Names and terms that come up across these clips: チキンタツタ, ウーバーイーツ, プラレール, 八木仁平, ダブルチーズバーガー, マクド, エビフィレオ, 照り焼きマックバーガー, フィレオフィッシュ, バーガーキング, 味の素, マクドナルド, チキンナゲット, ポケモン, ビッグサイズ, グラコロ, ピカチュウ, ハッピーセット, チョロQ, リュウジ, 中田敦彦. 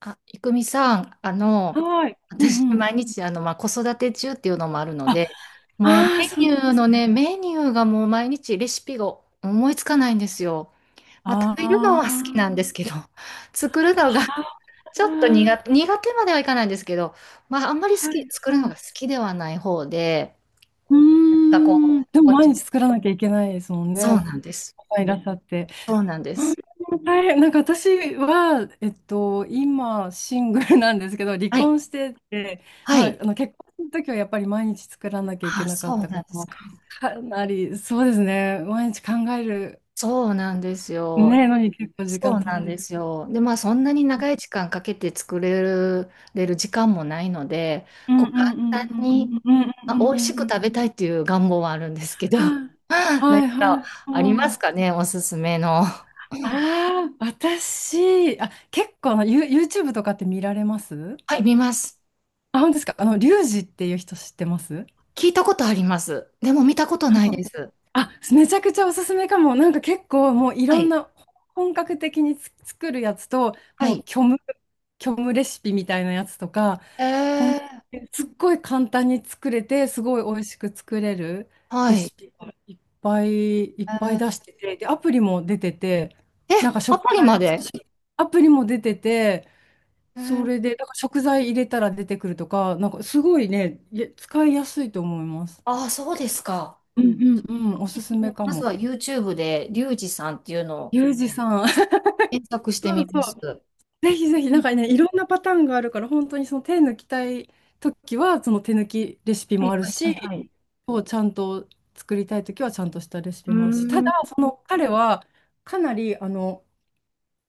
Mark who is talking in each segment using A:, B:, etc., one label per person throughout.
A: あ、いくみさん、
B: はい。うん
A: 私、
B: うん。
A: 毎日、まあ、子育て中っていうのもあるの
B: あ、
A: で、もう、
B: ああ、そうなんですね。
A: メニューがもう毎日レシピが思いつかないんですよ。まあ、食べるの
B: あ
A: は好きな
B: あ、
A: んですけど、作るのが
B: は
A: ちょっと苦
B: あ、
A: 手、苦手まではいかないんですけど、まあ、あんまり好
B: は
A: き、
B: い
A: 作るの
B: は
A: が
B: い。
A: 好きではない方で、
B: う
A: なん
B: ー
A: かこ
B: ん。で
A: う、
B: も毎日作らなきゃいけないですもん
A: そう
B: ね。
A: なんです。
B: いらっしゃって。
A: そうなんで
B: うん。
A: す。
B: 大変。なんか私は、今、シングルなんですけど、離
A: はい。
B: 婚してて、
A: は
B: まあ、
A: い。
B: あの結婚の時はやっぱり毎日作らなきゃいけ
A: あ、
B: なか
A: そ
B: っ
A: う
B: たか
A: なんです
B: ら、
A: か。
B: かなり、そうですね、毎日考える、
A: そうなんですよ。
B: ね、のに結構時
A: そ
B: 間
A: う
B: 取
A: な
B: ら
A: ん
B: れ
A: で
B: て。
A: すよ。で、まあそんなに長い時間かけて作れる時間もないので、
B: うん
A: こ
B: うん
A: う簡
B: う
A: 単
B: んう
A: に、
B: んうん
A: ま
B: う
A: あ、
B: んう
A: 美
B: ん
A: 味し
B: うん
A: く
B: うん、
A: 食べたいっていう願望はあるんですけど、何
B: はいはい
A: か
B: は
A: ありま
B: いは
A: す
B: い。
A: かね、おすすめの。
B: ああ、私、あ、結構あの、YouTube とかって見られます？
A: はい、見ます。
B: あ、本当ですか。あの、リュウジっていう人知ってます？
A: 聞いたことあります。でも見たことないです。
B: あ、めちゃくちゃおすすめかも。なんか結構もうい
A: は
B: ろん
A: い。
B: な、本格的に作るやつと、
A: は
B: もう
A: い。
B: 虚無、虚無レシピみたいなやつとか、
A: え
B: ほん、
A: ー、
B: すっごい簡単に作れて、すごい美味しく作れる
A: は
B: レ
A: い。
B: シピがいっぱいいっ
A: え
B: ぱい出し
A: ー、
B: てて、で、アプリも出てて、
A: え、
B: なんか
A: ア
B: 食
A: プリま
B: 材、
A: で。
B: アプリも出てて、
A: え
B: そ
A: ー、
B: れで、なんか食材入れたら出てくるとか、なんかすごいね、いや使いやすいと思います。
A: ああ、そうですか。
B: うんうんうん、お
A: で
B: す
A: す
B: すめ
A: ね。
B: か
A: まず
B: も。
A: は YouTube で、リュウジさんっていうのを
B: ユージさん。
A: 検索して
B: そ
A: み
B: うそ
A: ます。
B: う。ぜひぜひ、
A: う
B: なん
A: ん、
B: かね、いろんなパターンがあるから、本当にその手抜きたいときは、その手抜きレシピ
A: は
B: も
A: い
B: ある
A: はい。はい
B: し、
A: はい。
B: こうちゃんと作りたいときはちゃんとしたレシ
A: う
B: ピもあるし、た
A: ー
B: だ、
A: ん。
B: その彼はかなり、あの、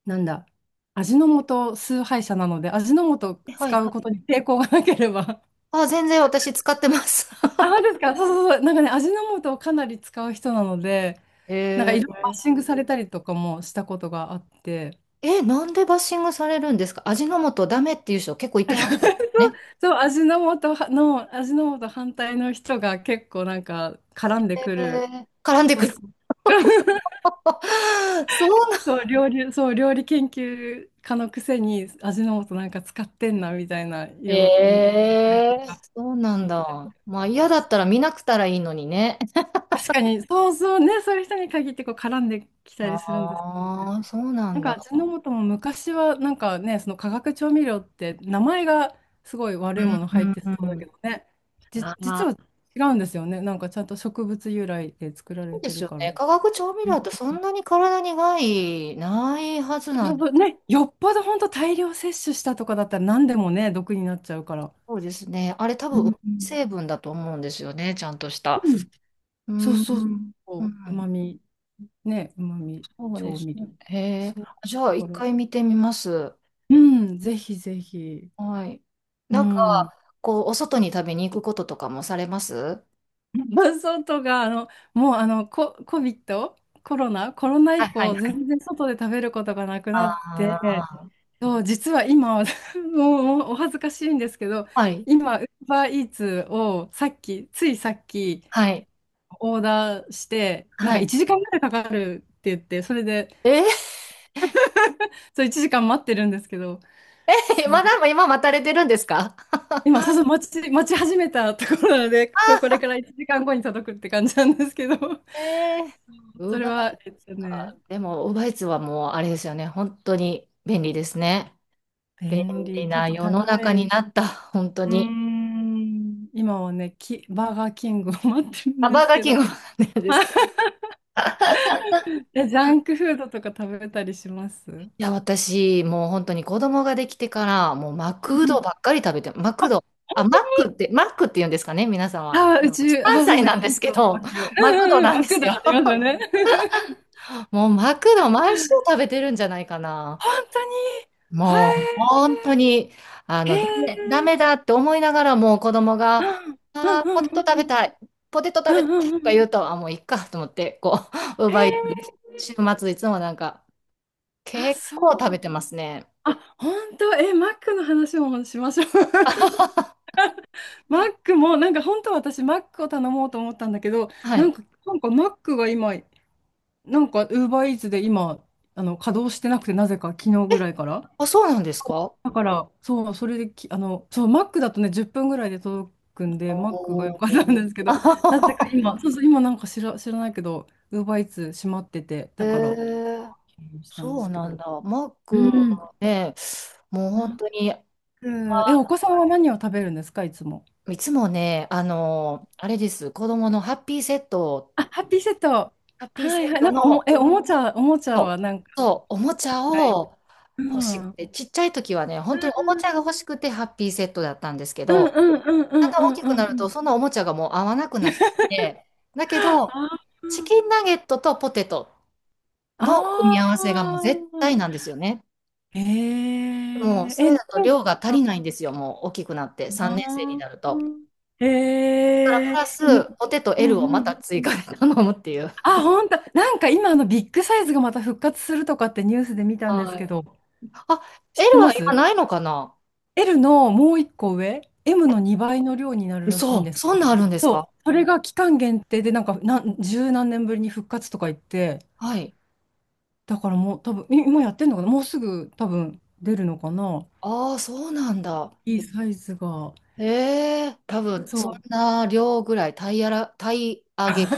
B: なんだ、味の素崇拝者なので、味の素を
A: はい
B: 使
A: は
B: うこと
A: い。
B: に抵抗がなければ。
A: あ、全然私使ってます。
B: あ、そうですか。そうそうそう。なんかね、味の素をかなり使う人なので、なんかい
A: へえ
B: ろいろバッ
A: ー。
B: シングされたりとかもしたことがあって。
A: え、なんでバッシングされるんですか？味の素ダメっていう人結構いてはるんです ね。
B: そう、味の素反対の人が結構なんか絡んでく
A: え
B: る。
A: 絡んで
B: そ
A: く
B: う
A: る。
B: そう。
A: そうなん。
B: そう、料理研究家のくせに味の素なんか使ってんなみたいな、言う
A: ええ。そうなん
B: 人いたり
A: だ。ま
B: と
A: あ
B: か。
A: 嫌だったら見なくたらいいのにね。
B: 確かに、そうそうね、そういう人に限ってこう絡んできたりするんですよね。
A: ああ、そうな
B: な
A: ん
B: ん
A: だ。
B: か味の素も昔はなんかね、その化学調味料って名前がすごい悪いもの
A: う
B: 入っ
A: ん
B: てそ
A: う
B: うだけ
A: ん。
B: どね、
A: あ
B: 実
A: あ、
B: は違うんですよね。なんかちゃんと植物由来で作ら
A: そ
B: れ
A: うで
B: て
A: す
B: る
A: よ
B: から。
A: ね。化学調味
B: う
A: 料
B: ん。
A: ってそんなに体に害ないはずな
B: そ
A: ん
B: う
A: で。
B: そうね、よっぽど本当大量摂取したとかだったら何でもね、毒になっちゃうから。
A: そうですね。あれ多
B: う
A: 分、
B: ん
A: 成分だと思うんですよね。ちゃんとした。
B: うん、
A: うー
B: そうそう
A: ん。
B: そ
A: う
B: う、うま
A: ん。
B: み、ね、うまみ
A: そうで
B: 調
A: す
B: 味
A: ね。
B: 料。
A: へえ。
B: そう、
A: じゃ
B: だ
A: あ、
B: か
A: 一
B: ら、
A: 回見てみます。
B: うん、ぜひぜひ。
A: はい。
B: う
A: なんか、
B: ん。
A: こう、お外に食べに行くこととかもされますは
B: 伴がとか、あの、もうあの、コ、コビット、コロナ、コロナ
A: い
B: 以
A: はいは
B: 降、
A: い。
B: 全然外で食べることがなくなっ
A: あ
B: て、
A: あ。
B: そう、実は今、もうお恥ずかしいんですけど、
A: はい。
B: 今、ウーバーイーツをさっき、ついさっき、
A: はい。
B: オーダーして、なん
A: は
B: か
A: い。
B: 1時間ぐらいかかるって言って、それで、
A: え
B: そう、1時間待ってるんですけど、
A: ー、
B: そ
A: ま
B: う、
A: だ今待たれてるんですか？
B: 今、そうそう、待ち始めたところなので、そう、これか ら1時間後に届くって感じなんですけど、そう、
A: えー、ウー
B: それ
A: バ
B: は、
A: ー、でも、ウーバーイーツはもう、あれですよね。本当に便利ですね。便
B: 便利。
A: 利
B: ちょっ
A: な
B: と
A: 世の
B: 高
A: 中に
B: い。
A: なった、本当
B: うー
A: に。
B: ん。今はね、バーガーキングを待ってるん
A: あ、
B: で
A: バー
B: す
A: ガー
B: け
A: キン
B: ど。
A: グなんですか？
B: え、ジャンクフードとか食べたりします？う
A: いや、私、もう本当に子供ができてから、もうマクド
B: ん、
A: ばっかり食べて、マクド。あ、マックって、マックって言うんですかね、皆さんは。
B: あー、うち、あー、そ
A: 関
B: うです
A: 西
B: ね、
A: なんで
B: 関
A: すけ
B: 東
A: ど、
B: マク。う
A: マク
B: ん
A: ド
B: うんうん、
A: なん
B: マ
A: で
B: ク
A: す
B: ド
A: よ。
B: ありますよね。
A: もうマクド毎週 食べてるんじゃないかな。
B: 本当に、は
A: もう
B: い、
A: 本当に、
B: へえ。
A: ダメだって思いながらも子供
B: う
A: が、
B: んう
A: あーポ
B: ん
A: テト食べ
B: うん
A: たい、ポテト
B: う
A: 食べ
B: ん
A: た
B: う
A: いと
B: んうんう
A: か
B: ん
A: 言
B: う
A: う
B: ん。
A: と、あ、もういっかと思って、こう、
B: へえ。
A: 週末いつもなんか、
B: あ、
A: 結
B: そう。
A: 構食べてますね。
B: あ、本当、え、マックの話もしましょう。マックも、なんか本当は私、マックを頼もうと思ったんだけど、
A: は
B: な
A: い。
B: んか、なんかマックが今、なんか、ウーバーイーツで今、あの、稼働してなくて、なぜか昨日ぐらいから。
A: あ、そうなんですか？
B: だから、そう、それでき、あの、そう、マックだとね、10分ぐらいで届くんで、マックが良
A: お
B: かったんですけ
A: ー。
B: ど、なぜか 今、そうそう、今なんか知らないけど、ウーバーイーツ閉まってて、
A: え
B: だから、
A: ー
B: したんで
A: そう
B: すけ
A: なん
B: ど。
A: だ。マッ
B: う
A: ク
B: ん。
A: ね、もう
B: マ
A: 本
B: ッ
A: 当に、
B: ク、お子さんは何を食べるんですか、いつも。
A: いつもね、あれです、子供のハッピーセットを、
B: あ、ハッピーセット。
A: ハッピーセ
B: はいは
A: ッ
B: い。
A: ト
B: なんか
A: の、
B: おもちゃはなんか、
A: そう、おもちゃ
B: はい。
A: を
B: う
A: 欲し
B: ん。う
A: く
B: ん。
A: て、ちっちゃい時はね、本当におもちゃが欲しくてハッピーセットだったんですけ
B: うんう
A: ど、
B: んうんう
A: だ
B: ん
A: んだ
B: う
A: ん大
B: ん
A: き
B: う
A: く
B: ん
A: なる
B: うん。
A: と、そのおもちゃがもう合わなくなってきて、だけ
B: あー
A: ど、チキンナゲットとポテトの組み合
B: あ
A: わせがもう絶対なん
B: ー。
A: ですよね。
B: ええ
A: でも、そ
B: え、
A: れだと
B: なん
A: 量が足
B: だ
A: り
B: ろ
A: ないんですよ、もう大きくなって、
B: う
A: 3年生に
B: な。
A: なると。
B: え
A: だから、プ
B: え、
A: ラス、ポテト
B: うんう
A: L をまた
B: んう
A: 追
B: んうん。
A: 加で頼むっていう。
B: あ、本当。なんか今あのビッグサイズがまた復活するとかってニュースで見たんです
A: は
B: け
A: い。
B: ど、
A: あ、
B: 知っ
A: L
B: て
A: は
B: ま
A: 今
B: す？
A: ないのかな？
B: L のもう一個上、M の2倍の量になるらしいん
A: そ
B: で
A: う、
B: すけ
A: そ
B: ど、
A: んなんあるんですか？
B: そう、それが期間限定で、十何年ぶりに復活とか言って、
A: はい。
B: だからもう多分、今やってんのかな、もうすぐ多分出るのかな、
A: ああ、そうなんだ。
B: いいサイズが。
A: ええ多分、
B: そ
A: そん
B: う。
A: な量ぐらい、タイ上げ、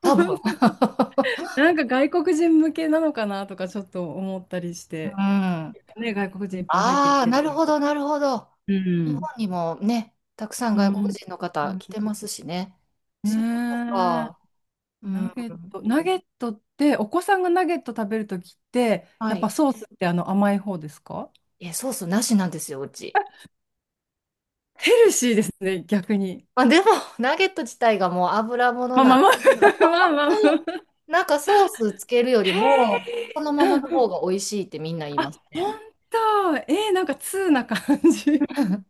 A: 多分。
B: なんか外国人向けなのかなとかちょっと思ったりし
A: うん。
B: て、
A: あ
B: ね、外国人いっぱい入ってき
A: あ、
B: て
A: な
B: るか
A: る
B: ら。
A: ほど、なるほど。
B: う
A: 日本
B: ん。
A: にもね、たくさん
B: う
A: 外国
B: ん。
A: 人の
B: う
A: 方来
B: ん。
A: てますしね。
B: ね
A: そういうこと
B: え。
A: か。うん。
B: ナゲットって、お子さんがナゲット食べるときって、
A: は
B: やっぱ
A: い。
B: ソースってあの甘い方ですか？
A: え、ソースなしなんですよ、うち。
B: ヘルシーですね、逆に。
A: まあ、でも、ナゲット自体がもう油物
B: まあ
A: なん
B: まあ
A: で。
B: まあ、まあまあまあ。
A: なんかソースつけるより も、その
B: う
A: まま
B: ん
A: の
B: う
A: 方
B: ん。
A: が美味しいってみんな言い
B: あ、
A: ますね。
B: 本当。えー、なんか通な感じ。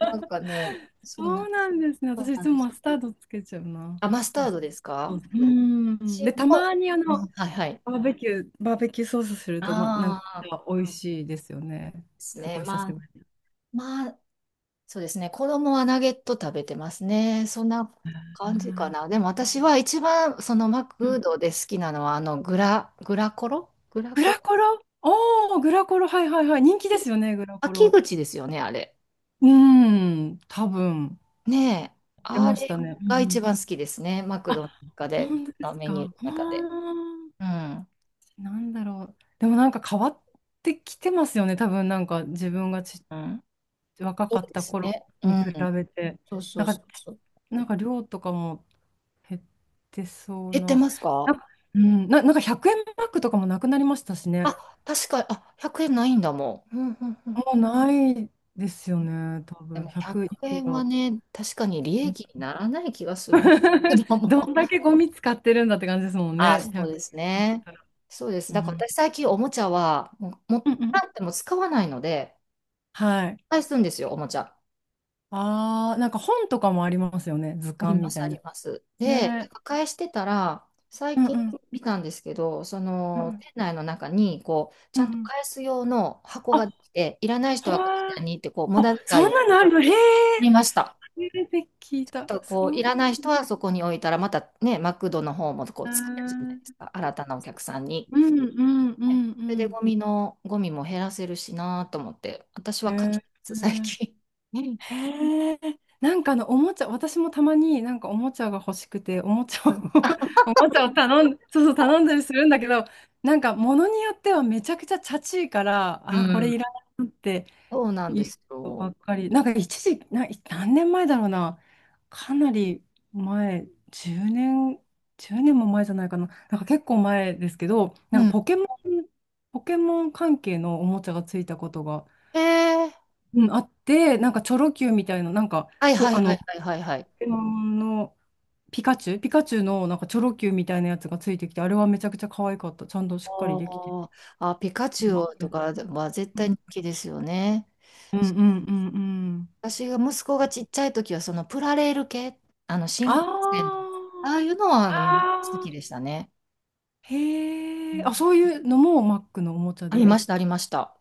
A: なん かね、そん
B: そ
A: な、
B: うなんですね。
A: そ
B: 私
A: う
B: い
A: な
B: つ
A: んで
B: も
A: す。
B: マスタードつけちゃうな。
A: あ、マスタ
B: マ
A: ー
B: ス
A: ドです
B: ター
A: か？
B: ド、うん。
A: 塩
B: で、
A: も、
B: たまにあ
A: う
B: の、
A: んはいはい。
B: バーベキューソースすると、ま、なんか
A: ああ、
B: 美味しいですよね。
A: です
B: す
A: ね。
B: ごい久し
A: まあ、
B: ぶり。
A: まあ、そうですね。子供はナゲット食べてますね。そんな
B: う
A: 感じかな。
B: ん、
A: でも私は一番、そのマクドで好きなのは、グラコロ、グラ
B: グ
A: コ
B: ラ
A: ロ、
B: コロ、おー、グラコロ、はいはいはい。人気ですよね、グラコ
A: 秋
B: ロ。
A: 口ですよね、あれ。
B: うーん、多分、
A: ねえ。
B: 出
A: あ
B: まし
A: れ
B: たね。うんう
A: が一
B: ん。
A: 番好きですね。マク
B: あ、
A: ドの中で、
B: 本当です
A: メ
B: か。
A: ニューの
B: あ
A: 中で。
B: ー、
A: うん。
B: なんだろう。でもなんか変わってきてますよね、多分なんか自分が
A: うん。
B: 若
A: そう
B: かっ
A: で
B: た
A: す
B: 頃
A: ね。う
B: に比
A: ん。
B: べて。
A: そうそ
B: なん
A: うそう
B: か、
A: そう。
B: なんか量とかも減ってそう
A: 減って
B: な。
A: ます
B: な
A: か？
B: んか、うん、なんか100円マックとかもなくなりましたし
A: あ、
B: ね。
A: 確かに、あ、100円ないんだもん。うんうんうん。
B: もうないですよね、多
A: で
B: 分
A: も
B: 100い
A: 100
B: く
A: 円は
B: ら。
A: ね、確かに利益にならない気がするな。ど
B: ど
A: も。
B: んだけゴミ使ってるんだって感じですも ん
A: あ、
B: ね。ひゃ
A: そう
B: く、
A: ですね。そうです。
B: う
A: だか
B: ん
A: ら私最近おもちゃは、もう、も
B: う
A: っ
B: んうんうん。
A: たっても使わないので、
B: はい。
A: 返すんですよ、おもちゃ。
B: ああ、なんか本とかもありますよね。図
A: あり
B: 鑑
A: ま
B: み
A: す、
B: た
A: あ
B: い
A: り
B: な。
A: ます。で、なん
B: ね。
A: か返してたら、
B: う
A: 最
B: んう
A: 近
B: ん。
A: 見たんですけど、そ
B: う
A: の、
B: ん
A: 店内の中に、こう、ち
B: う
A: ゃんと
B: ん。
A: 返す用の箱
B: あ、
A: が
B: は
A: できて、いらない人
B: ー、
A: はこちらにって、こう、無駄
B: あ、そん
A: 遣いを。
B: なのあるの。へえ。
A: ありました。
B: 初めて聞いた。
A: と
B: そ
A: こうい
B: う。
A: らない人はそこに置いたら、またね、マクドの方もこ
B: へ
A: う使えるじゃない
B: ー、
A: ですか、新たなお客さんに。
B: うんうんう
A: ね、
B: ん
A: それ
B: う
A: で
B: ん。
A: ゴミも減らせるしなと思って、私は
B: へ
A: 返して
B: え。
A: ます最近。う
B: へえ、なんかあのおもちゃ、私もたまになんかおもちゃが欲しくて、おもちゃを
A: ん
B: おもちゃを頼ん、そうそう頼んだりするんだけど、なんか物によってはめちゃくちゃチャチいから、
A: う
B: あ、これ
A: ん
B: いらないなって
A: そうなん
B: い
A: で
B: う
A: す
B: ことば
A: よ。
B: っかり。なんか一時、何年前だろうな、かなり前、10年、1年も前じゃないかな、なんか結構前ですけど、な
A: う
B: んか
A: ん、
B: ポケモン関係のおもちゃがついたことが。
A: えー、
B: うん、あって、なんかチョロ Q みたいな、なんか
A: はいはいはい
B: ポ
A: はいはいはい。
B: ケモンのピカチュウのなんかチョロ Q みたいなやつがついてきて、あれはめちゃくちゃ可愛かった。ちゃんとし
A: あ
B: っかりできてて。
A: ー。あ、ピカチ
B: う
A: ュ
B: まか
A: ウと
B: った、
A: かは絶
B: う
A: 対
B: ん
A: 人気ですよね。
B: うんうんうん。
A: 私が息子がちっちゃい時は、そのプラレール系、あの
B: あ
A: 新幹線の、
B: ー
A: ああいうのは好
B: あ
A: きでしたね。
B: ー、
A: う
B: へえ。あ、
A: ん、
B: そういうのもマックのおもちゃ
A: あり
B: で。
A: ました、ありました。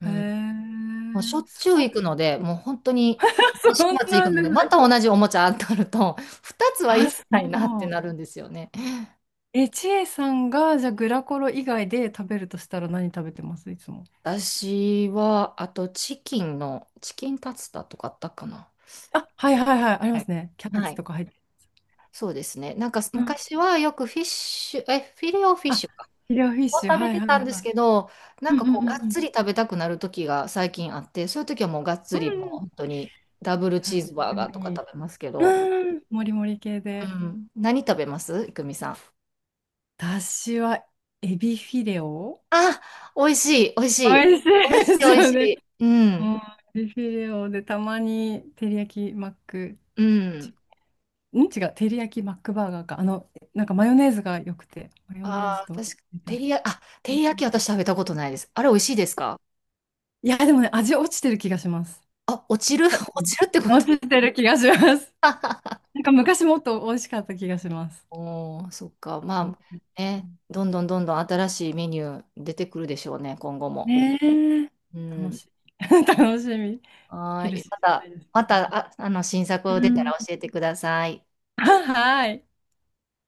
A: う
B: へ
A: ん、
B: え、
A: もうしょっ
B: す
A: ちゅう
B: ご
A: 行
B: い。
A: くので、もう本当に
B: そ
A: 毎週
B: う
A: 末
B: な
A: 行
B: ん
A: くの
B: で
A: で、ま
B: すね。
A: た同じおもちゃ当たると、2つはい
B: あ、
A: ら
B: そ
A: ないなって
B: う。
A: なるんですよね。
B: え、ちえさんが、じゃあグラコロ以外で食べるとしたら何食べてます、いつも。
A: 私は、あとチキンタツタとかあったかな。
B: あ、はいはいはい、あり
A: は
B: ま
A: い。
B: すね。キャベ
A: は
B: ツ
A: い、
B: とか入って。
A: そうですね。なんか
B: うん、
A: 昔はよくフィレオフィッ
B: あ、
A: シュか。
B: フィレオフィッ
A: を
B: シュ、
A: 食べ
B: はい
A: て
B: はいは
A: たんです
B: い。
A: けど、なん
B: うん
A: か
B: うんう
A: こう、
B: ん
A: が
B: う
A: っ
B: ん
A: つり食べたくなる時が最近あって、そういう時はもうがっ
B: う
A: つり、もう
B: んうん、
A: 本当にダブルチ
B: 確
A: ーズバー
B: か
A: ガーとか
B: に。
A: 食べますけど、
B: うん、もりもり系
A: う
B: で。
A: ん、何食べますいくみさん？
B: 私はエビフィレオ、
A: あ、美味しい、美味しい。
B: 美味し
A: 美味
B: い
A: しい、
B: で
A: 美
B: す
A: 味
B: よ
A: し
B: ね。
A: い。うん、
B: うん、エビフィレオでたまに照り焼きマック、
A: う
B: ち
A: ん。
B: 違う、照り焼きマックバーガーか。あの、なんかマヨネーズが良くて、マヨネーズ
A: ああ、
B: と。
A: 確か、照り焼き私食べたことないです。あれ美味しいですか？
B: いや、でもね、味落ちてる気がします。
A: あ、落ちる。 落ちるってこ
B: あ、
A: と？
B: 落ちてる気がします。なんか昔もっと美味しかった気がします。
A: おー、そっか。
B: うん、
A: まあ、ね、どんどんどんどん新しいメニュー出てくるでしょうね、今後も。
B: ねえ。
A: う
B: 楽
A: ん。
B: しみ。楽しみ。ヘ
A: はー
B: ル
A: い。
B: シーじ
A: ま
B: ゃ
A: た、
B: ないです。
A: また、新作
B: う
A: を出たら
B: ん。
A: 教えてください。
B: はい。